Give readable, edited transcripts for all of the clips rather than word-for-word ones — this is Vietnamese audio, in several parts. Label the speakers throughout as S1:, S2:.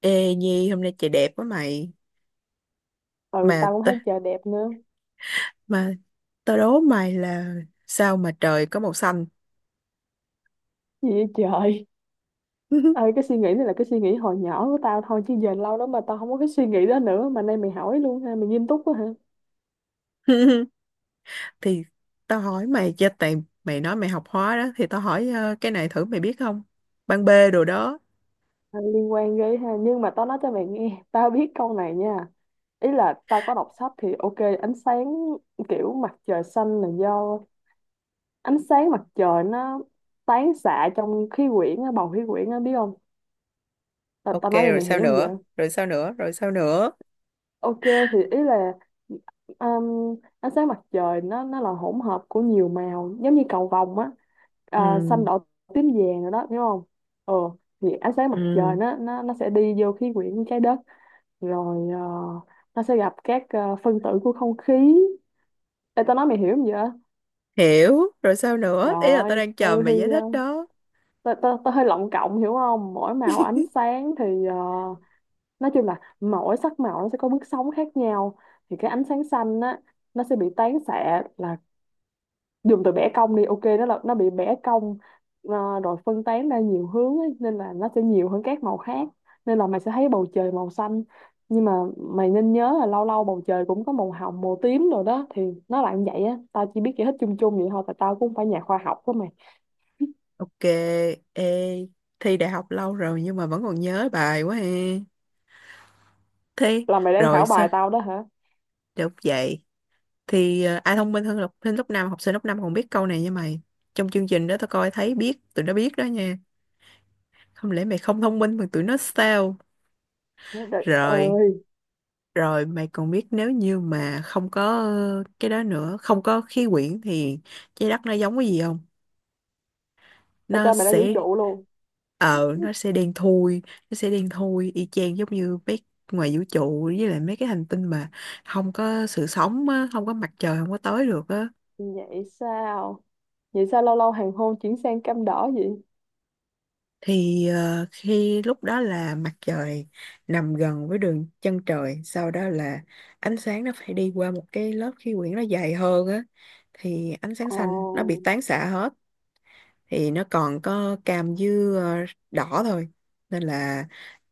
S1: Ê Nhi, hôm nay trời đẹp quá mày.
S2: Ừ,
S1: mà
S2: tao cũng
S1: t-
S2: thấy trời đẹp nữa.
S1: mà tao đố mày là sao mà trời có màu xanh?
S2: Gì vậy trời? Ơi, cái suy nghĩ này là cái suy nghĩ hồi nhỏ của tao thôi chứ giờ lâu lắm mà tao không có cái suy nghĩ đó nữa, mà nay mày hỏi luôn ha, mày nghiêm túc quá hả?
S1: Thì tao hỏi mày cho, tại mày nói mày học hóa đó, thì tao hỏi, cái này thử mày biết không? Ban B đồ đó.
S2: À, liên quan ghê ha, nhưng mà tao nói cho mày nghe, tao biết câu này nha. Ý là tao có đọc sách thì ok. Ánh sáng, kiểu mặt trời xanh là do ánh sáng mặt trời nó tán xạ trong khí quyển á, bầu khí quyển á, biết không? tao,
S1: Ok,
S2: tao nói cho
S1: rồi
S2: mày hiểu
S1: sao
S2: không vậy?
S1: nữa, rồi sao nữa, rồi sao nữa?
S2: Ok, thì ý là ánh sáng mặt trời nó là hỗn hợp của nhiều màu giống như cầu vồng á.
S1: Ừ,
S2: À, xanh đỏ tím vàng rồi đó, hiểu không? Ừ, thì ánh sáng mặt
S1: ừ,
S2: trời nó sẽ đi vô khí quyển trái đất. Rồi nó sẽ gặp các phân tử của không khí. Ê, tao nói mày hiểu không vậy?
S1: hiểu rồi, sao nữa, ý là tao
S2: Rồi,
S1: đang chờ
S2: ừ thì
S1: mày giải thích
S2: uh,
S1: đó.
S2: tao tao tao hơi lộng cộng, hiểu không? Mỗi màu ánh sáng thì nói chung là mỗi sắc màu nó sẽ có bước sóng khác nhau. Thì cái ánh sáng xanh á, nó sẽ bị tán xạ, là dùng từ bẻ cong đi, ok, nó là nó bị bẻ cong. Rồi phân tán ra nhiều hướng ấy, nên là nó sẽ nhiều hơn các màu khác, nên là mày sẽ thấy bầu trời màu xanh. Nhưng mà mày nên nhớ là lâu lâu bầu trời cũng có màu hồng màu tím rồi đó, thì nó là như vậy á. Tao chỉ biết giải thích chung chung vậy thôi, tại tao cũng không phải nhà khoa học của mày.
S1: Ok. Ê, thi đại học lâu rồi nhưng mà vẫn còn nhớ bài quá ha. Thi
S2: Là mày đang
S1: rồi
S2: khảo
S1: sao?
S2: bài tao đó hả?
S1: Được vậy thì, ai thông minh hơn học sinh lớp năm, học sinh lớp 5 còn biết câu này nha mày. Trong chương trình đó tao coi thấy, biết tụi nó biết đó nha. Không lẽ mày không thông minh mà tụi nó sao?
S2: Trời
S1: Rồi.
S2: ơi,
S1: Rồi mày còn biết, nếu như mà không có cái đó nữa, không có khí quyển thì trái đất nó giống cái gì không?
S2: tao
S1: Nó
S2: cho mày ra vũ
S1: sẽ...
S2: trụ luôn.
S1: Ờ, nó sẽ đen thui. Nó sẽ đen thui y chang giống như mấy... ngoài vũ trụ với lại mấy cái hành tinh mà không có sự sống á, không có mặt trời không có tới được á.
S2: Vậy sao? Vậy sao lâu lâu hoàng hôn chuyển sang cam đỏ vậy?
S1: Thì khi lúc đó là mặt trời nằm gần với đường chân trời, sau đó là ánh sáng nó phải đi qua một cái lớp khí quyển nó dày hơn á, thì ánh sáng
S2: Ồ,
S1: xanh nó bị tán xạ hết, thì nó còn có cam với ờ, đỏ thôi. Nên là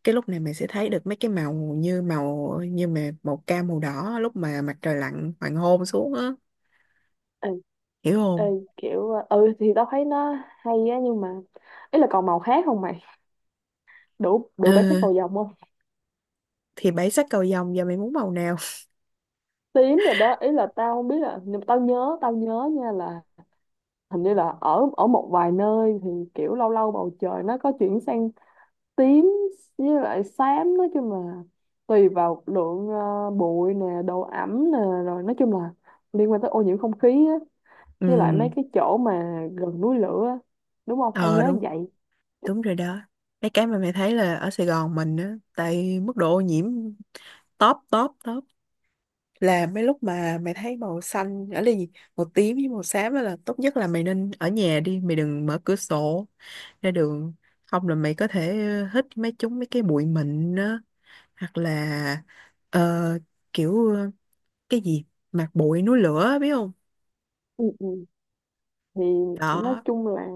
S1: cái lúc này mình sẽ thấy được mấy cái màu như mà màu cam màu đỏ lúc mà mặt trời lặn hoàng hôn xuống á.
S2: ê,
S1: Hiểu
S2: ê,
S1: không?
S2: kiểu ừ thì tao thấy nó hay á, nhưng mà ý là còn màu khác không mày? Đủ đủ bản sắc
S1: Ừ,
S2: cầu vồng không?
S1: thì bảy sắc cầu vồng, giờ mày muốn màu nào?
S2: Tím rồi đó, ý là tao không biết là, nhưng mà tao nhớ nha, là hình như là ở ở một vài nơi thì kiểu lâu lâu bầu trời nó có chuyển sang tím với lại xám. Nói chung là tùy vào lượng bụi nè, độ ẩm nè, rồi nói chung là liên quan tới ô nhiễm không khí á,
S1: Ừ.
S2: với lại mấy cái chỗ mà gần núi lửa á, đúng không, tao
S1: Ờ
S2: nhớ
S1: đúng,
S2: vậy.
S1: đúng rồi đó. Mấy cái mà mày thấy là ở Sài Gòn mình á, tại mức độ ô nhiễm top top top, là mấy lúc mà mày thấy màu xanh ở đây gì, màu tím với màu xám á, là tốt nhất là mày nên ở nhà đi, mày đừng mở cửa sổ ra đường, không là mày có thể hít mấy chúng mấy cái bụi mịn á, hoặc là ờ, kiểu cái gì, mạt bụi núi lửa, biết không?
S2: Ừ, ừ. Thì nói
S1: Đó.
S2: chung là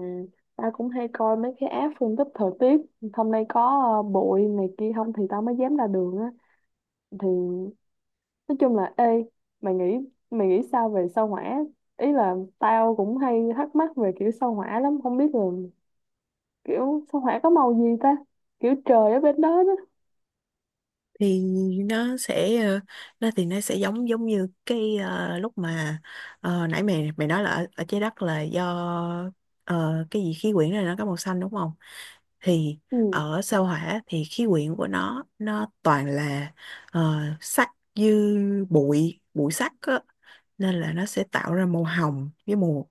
S2: ta cũng hay coi mấy cái app phân tích thời tiết, hôm nay có bụi này kia không thì tao mới dám ra đường á. Thì nói chung là, ê, mày nghĩ mày nghĩ sao về sao hỏa? Ý là tao cũng hay thắc mắc về kiểu sao hỏa lắm, không biết là kiểu sao hỏa có màu gì ta, kiểu trời ở bên đó đó.
S1: Thì nó sẽ... Nó thì nó sẽ giống giống như cái, lúc mà nãy mày mày nói là ở, ở trái đất là do cái gì khí quyển này nó có màu xanh đúng không, thì
S2: Ừ.
S1: ở sao hỏa thì khí quyển của nó toàn là sắt, dư bụi bụi sắt á, nên là nó sẽ tạo ra màu hồng với màu...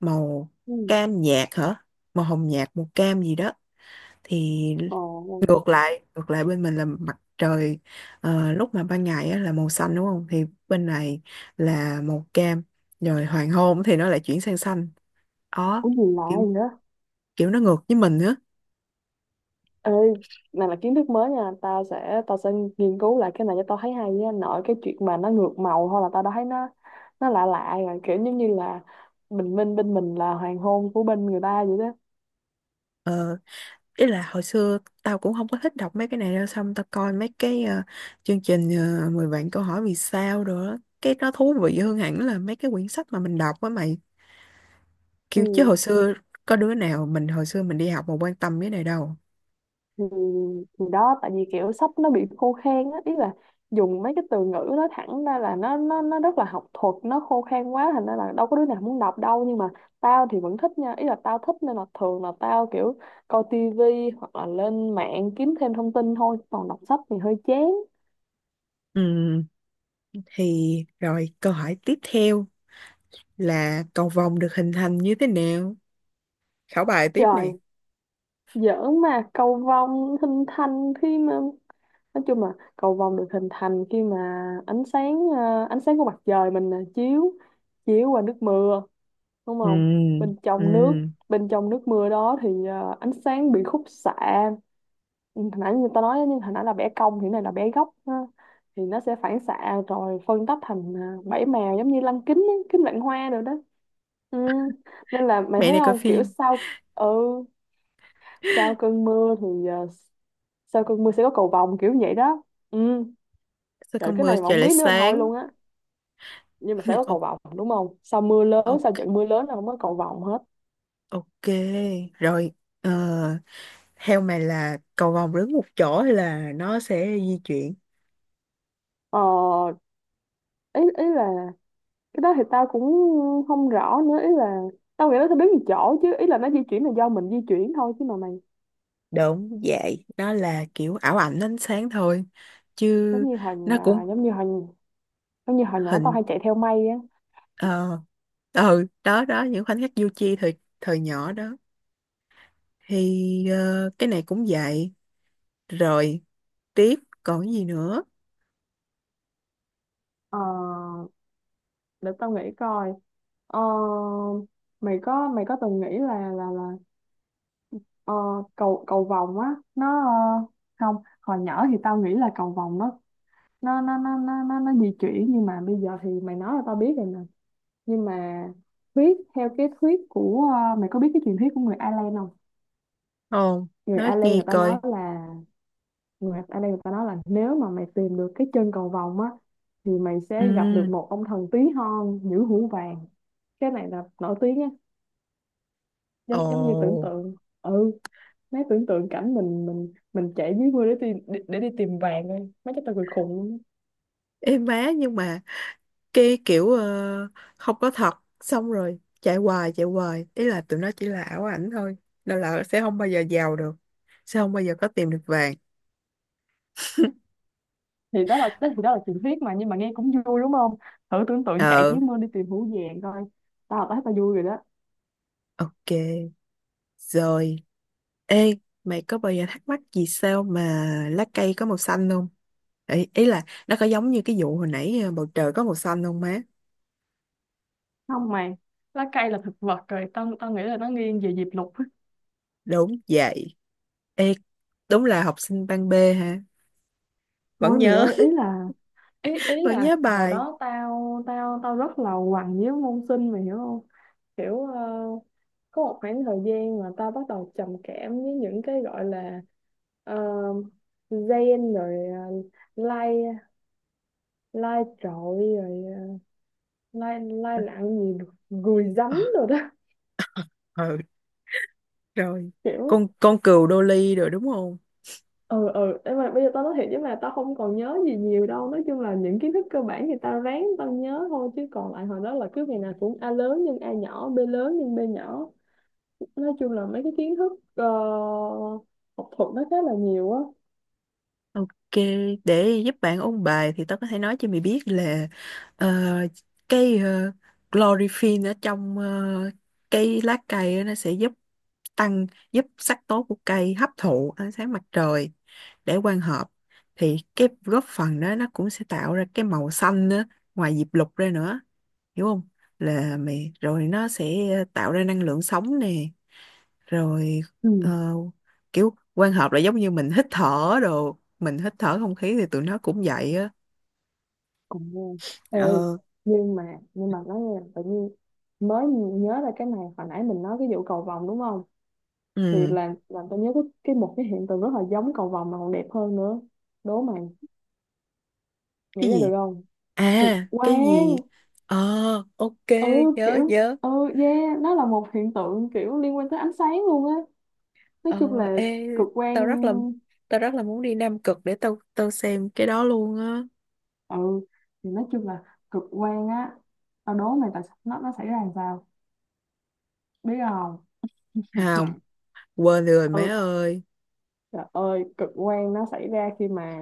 S1: màu
S2: Ừ.
S1: cam nhạt hả, màu hồng nhạt màu cam gì đó. Thì
S2: Ồ.
S1: ngược lại, ngược lại bên mình là mặt trời lúc mà ban ngày á là màu xanh đúng không, thì bên này là màu cam, rồi hoàng hôn thì nó lại chuyển sang xanh. Đó,
S2: Có gì lạ
S1: kiểu,
S2: vậy?
S1: kiểu nó ngược với mình nữa.
S2: Ê, này là kiến thức mới nha, tao sẽ nghiên cứu lại cái này, cho tao thấy hay nha. Nội cái chuyện mà nó ngược màu thôi là tao đã thấy nó lạ lạ rồi, kiểu giống như là bình minh bên mình là hoàng hôn của bên người ta vậy đó.
S1: Ờ, ý là hồi xưa tao cũng không có thích đọc mấy cái này đâu, xong tao coi mấy cái chương trình 10 vạn câu hỏi vì sao rồi đó, cái nó thú vị hơn hẳn là mấy cái quyển sách mà mình đọc á mày. Kiểu chứ
S2: Ừ,
S1: hồi xưa có đứa nào mình hồi xưa mình đi học mà quan tâm cái này đâu.
S2: thì, thì đó, tại vì kiểu sách nó bị khô khan á, ý là dùng mấy cái từ ngữ nó thẳng ra là nó rất là học thuật, nó khô khan quá, thành ra là đâu có đứa nào muốn đọc đâu. Nhưng mà tao thì vẫn thích nha, ý là tao thích nên là thường là tao kiểu coi tivi hoặc là lên mạng kiếm thêm thông tin thôi, còn đọc sách thì hơi chán.
S1: Ừ. Thì rồi câu hỏi tiếp theo là cầu vồng được hình thành như thế nào? Khảo bài tiếp nè.
S2: Trời, giỡn mà. Cầu vồng hình thành khi mà, nói chung là cầu vồng được hình thành khi mà ánh sáng ánh sáng của mặt trời mình chiếu, chiếu qua nước mưa, đúng không?
S1: Ừ,
S2: Bên
S1: ừ.
S2: trong nước, bên trong nước mưa đó thì ánh sáng bị khúc xạ. Ừ, hồi nãy người ta nói, nhưng hồi nãy là bẻ cong thì cái này là bẻ góc ha. Thì nó sẽ phản xạ rồi phân tách thành bảy màu giống như lăng kính á, kính vạn hoa rồi đó. Ừ. Nên là mày
S1: Mẹ
S2: thấy
S1: này coi
S2: không, kiểu
S1: phim.
S2: sau, ừ, sau cơn mưa thì sau cơn mưa sẽ có cầu vồng kiểu vậy đó. Ừ.
S1: Sao
S2: Trời,
S1: con
S2: cái này
S1: mưa
S2: mà
S1: trời
S2: không
S1: lại
S2: biết nữa là thôi
S1: sáng?
S2: luôn á. Nhưng mà sẽ có cầu
S1: Ok,
S2: vồng đúng không, sau mưa lớn, sau
S1: ok,
S2: trận mưa lớn là không có cầu vồng hết.
S1: ok. Rồi, ờ, theo mày là cầu vồng đứng một chỗ hay là nó sẽ di chuyển?
S2: Ờ, ý ý là cái đó thì tao cũng không rõ nữa, ý là tao nghĩ nó sẽ biến một chỗ chứ, ý là nó di chuyển là do mình di chuyển thôi chứ mà mày.
S1: Đúng vậy, nó là kiểu ảo ảnh ánh sáng thôi. Chứ
S2: Giống như hồi
S1: nó cũng
S2: nhà, giống như hồi, giống như hồi nhỏ tao
S1: hình...
S2: hay chạy theo mây á.
S1: Ờ, ừ, đó, đó, những khoảnh khắc du chi thời, thời nhỏ đó. Thì cái này cũng vậy. Rồi tiếp, còn cái gì nữa?
S2: ờ, để tao nghĩ coi. ờ, Mày có, mày có từng nghĩ là ờ, cầu cầu vồng á, nó, không, hồi nhỏ thì tao nghĩ là cầu vồng nó nó di chuyển, nhưng mà bây giờ thì mày nói là tao biết rồi nè. Nhưng mà thuyết, theo cái thuyết của mày có biết cái truyền thuyết của người Ireland không?
S1: Không,
S2: Người
S1: nói
S2: Ireland
S1: nghe
S2: người ta
S1: coi.
S2: nói là, người Ireland người ta nói là nếu mà mày tìm được cái chân cầu vồng á, thì mày
S1: Ừ.
S2: sẽ gặp được một ông thần tí hon nhũ hũ vàng. Cái này là nổi tiếng á,
S1: Ồ.
S2: giống giống như tưởng tượng. Ừ, mấy tưởng tượng cảnh mình chạy dưới mưa để tìm, để đi tìm vàng thôi, mấy cái tao cười khùng luôn.
S1: Ê má, nhưng mà cái kiểu không có thật, xong rồi chạy hoài chạy hoài, ý là tụi nó chỉ là ảo ảnh thôi, nên là sẽ không bao giờ giàu được, sẽ không bao giờ có tìm được vàng.
S2: Thì đó là đó, thì đó là truyền thuyết mà, nhưng mà nghe cũng vui đúng không? Thử tưởng tượng chạy dưới
S1: Ờ.
S2: mưa đi tìm hũ vàng coi. Tao là tao thấy tao vui rồi đó.
S1: Ok. Rồi, ê, mày có bao giờ thắc mắc vì sao mà lá cây có màu xanh không? Ý, ý là nó có giống như cái vụ hồi nãy, bầu trời có màu xanh không má?
S2: Không mày, lá cây là thực vật rồi, tao tao nghĩ là nó nghiêng về diệp lục á.
S1: Đúng vậy. Ê, đúng là học sinh ban B hả? Vẫn
S2: Thôi mày
S1: nhớ.
S2: ơi, ý là, ý ý
S1: Vẫn
S2: là
S1: nhớ
S2: hồi
S1: bài.
S2: đó tao tao tao rất là quằn với môn sinh, mày hiểu không? Kiểu có một khoảng thời gian mà tao bắt đầu trầm cảm với những cái gọi là ờ, gen, rồi uh, lai, lai trội, rồi lai lai lặng gì được gùi giấm
S1: Ờ,
S2: rồi đó.
S1: ừ, rồi.
S2: Kiểu,
S1: Con cừu đô ly rồi đúng không?
S2: ừ, ừ, nhưng mà bây giờ tao nói thiệt chứ mà tao không còn nhớ gì nhiều đâu. Nói chung là những kiến thức cơ bản thì tao ráng tao nhớ thôi, chứ còn lại hồi đó là cứ ngày nào cũng a lớn nhân a nhỏ, b lớn nhân b nhỏ. Nói chung là mấy cái kiến thức học thuật nó khá là nhiều á.
S1: Ok, để giúp bạn ôn bài thì tao có thể nói cho mày biết là ờ, cái chlorphene ở trong cái lá cây á, nó sẽ giúp tăng, giúp sắc tố của cây hấp thụ ánh sáng mặt trời để quang hợp, thì cái góp phần đó nó cũng sẽ tạo ra cái màu xanh nữa, ngoài diệp lục ra nữa, hiểu không? Là mày rồi nó sẽ tạo ra năng lượng sống nè. Rồi
S2: Ừ,
S1: ờ, kiểu quan hợp là giống như mình hít thở đồ, mình hít thở không khí thì tụi nó cũng vậy á.
S2: cũng nghe. Ê,
S1: Ờ.
S2: nhưng mà nói nghe tự nhiên mới nhớ ra cái này, hồi nãy mình nói cái vụ cầu vồng đúng không? Thì
S1: Ừ.
S2: làm tôi nhớ cái một cái hiện tượng rất là giống cầu vồng mà còn đẹp hơn nữa. Đố mày nghĩ
S1: Cái
S2: ra được
S1: gì?
S2: không? Cực
S1: À cái gì?
S2: quang.
S1: Ờ. Ok,
S2: Ừ,
S1: nhớ,
S2: kiểu,
S1: nhớ.
S2: ừ, yeah, nó là một hiện tượng kiểu liên quan tới ánh sáng luôn á. Nói
S1: Ờ.
S2: chung là
S1: Ê,
S2: cực quang.
S1: tao rất là, tao rất là muốn đi Nam Cực để tao, tao xem cái đó luôn á.
S2: Ừ, thì nói chung là cực quan á, tao đố mày tại sao nó xảy ra làm sao, biết không?
S1: Không, quên rồi mẹ
S2: Ừ,
S1: ơi.
S2: trời ơi, cực quang nó xảy ra khi mà,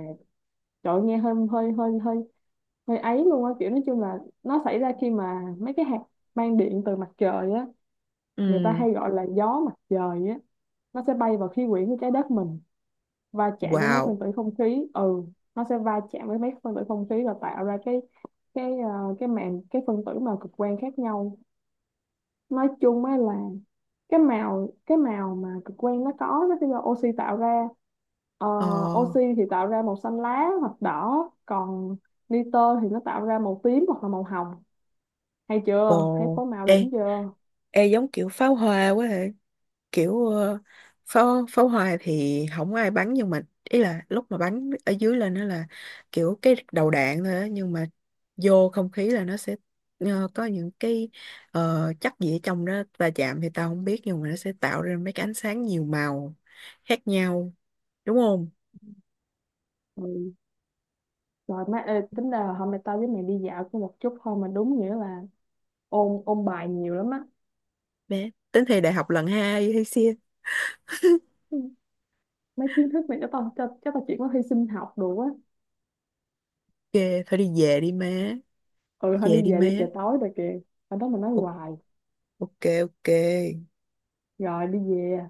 S2: trời ơi, nghe hơi hơi hơi hơi hơi ấy luôn á, kiểu nói chung là nó xảy ra khi mà mấy cái hạt mang điện từ mặt trời á, người ta
S1: Ừ.
S2: hay gọi là gió mặt trời á, nó sẽ bay vào khí quyển của trái đất mình, va chạm với mấy
S1: Wow.
S2: phân tử không khí. Ừ, nó sẽ va chạm với mấy phân tử không khí và tạo ra cái ờ, cái màng cái phân tử màu cực quang khác nhau. Nói chung á là cái màu mà cực quang nó có, nó sẽ do oxy tạo ra. Ờ,
S1: Ờ.
S2: oxy thì tạo ra màu xanh lá hoặc đỏ, còn nitơ thì nó tạo ra màu tím hoặc là màu hồng. Hay chưa, thấy
S1: Ồ.
S2: phối màu
S1: Ê,
S2: đỉnh chưa?
S1: ê giống kiểu pháo hoa quá hả? Kiểu pháo, pháo hoa thì không có ai bắn, nhưng mà ý là lúc mà bắn ở dưới lên nó là kiểu cái đầu đạn thôi á, nhưng mà vô không khí là nó sẽ có những cái chất gì ở trong đó va chạm thì tao không biết, nhưng mà nó sẽ tạo ra mấy cái ánh sáng nhiều màu khác nhau, đúng không?
S2: Ừ. Rồi má, ê, tính ra là hôm nay tao với mày đi dạo có một chút thôi mà đúng nghĩa là ôn ôn bài nhiều lắm á.
S1: Bé tính thi đại học lần hai hay xia?
S2: Ừ, mấy kiến thức này cho tao, cho tao chuyển qua thi sinh học đồ á.
S1: Ghê, thôi đi về đi má.
S2: Ừ,
S1: Đi
S2: thôi đi
S1: về đi
S2: về
S1: má.
S2: đi, trời tối rồi kìa. Ở đó mà nói
S1: O-
S2: hoài.
S1: ok, ok.
S2: Rồi đi về.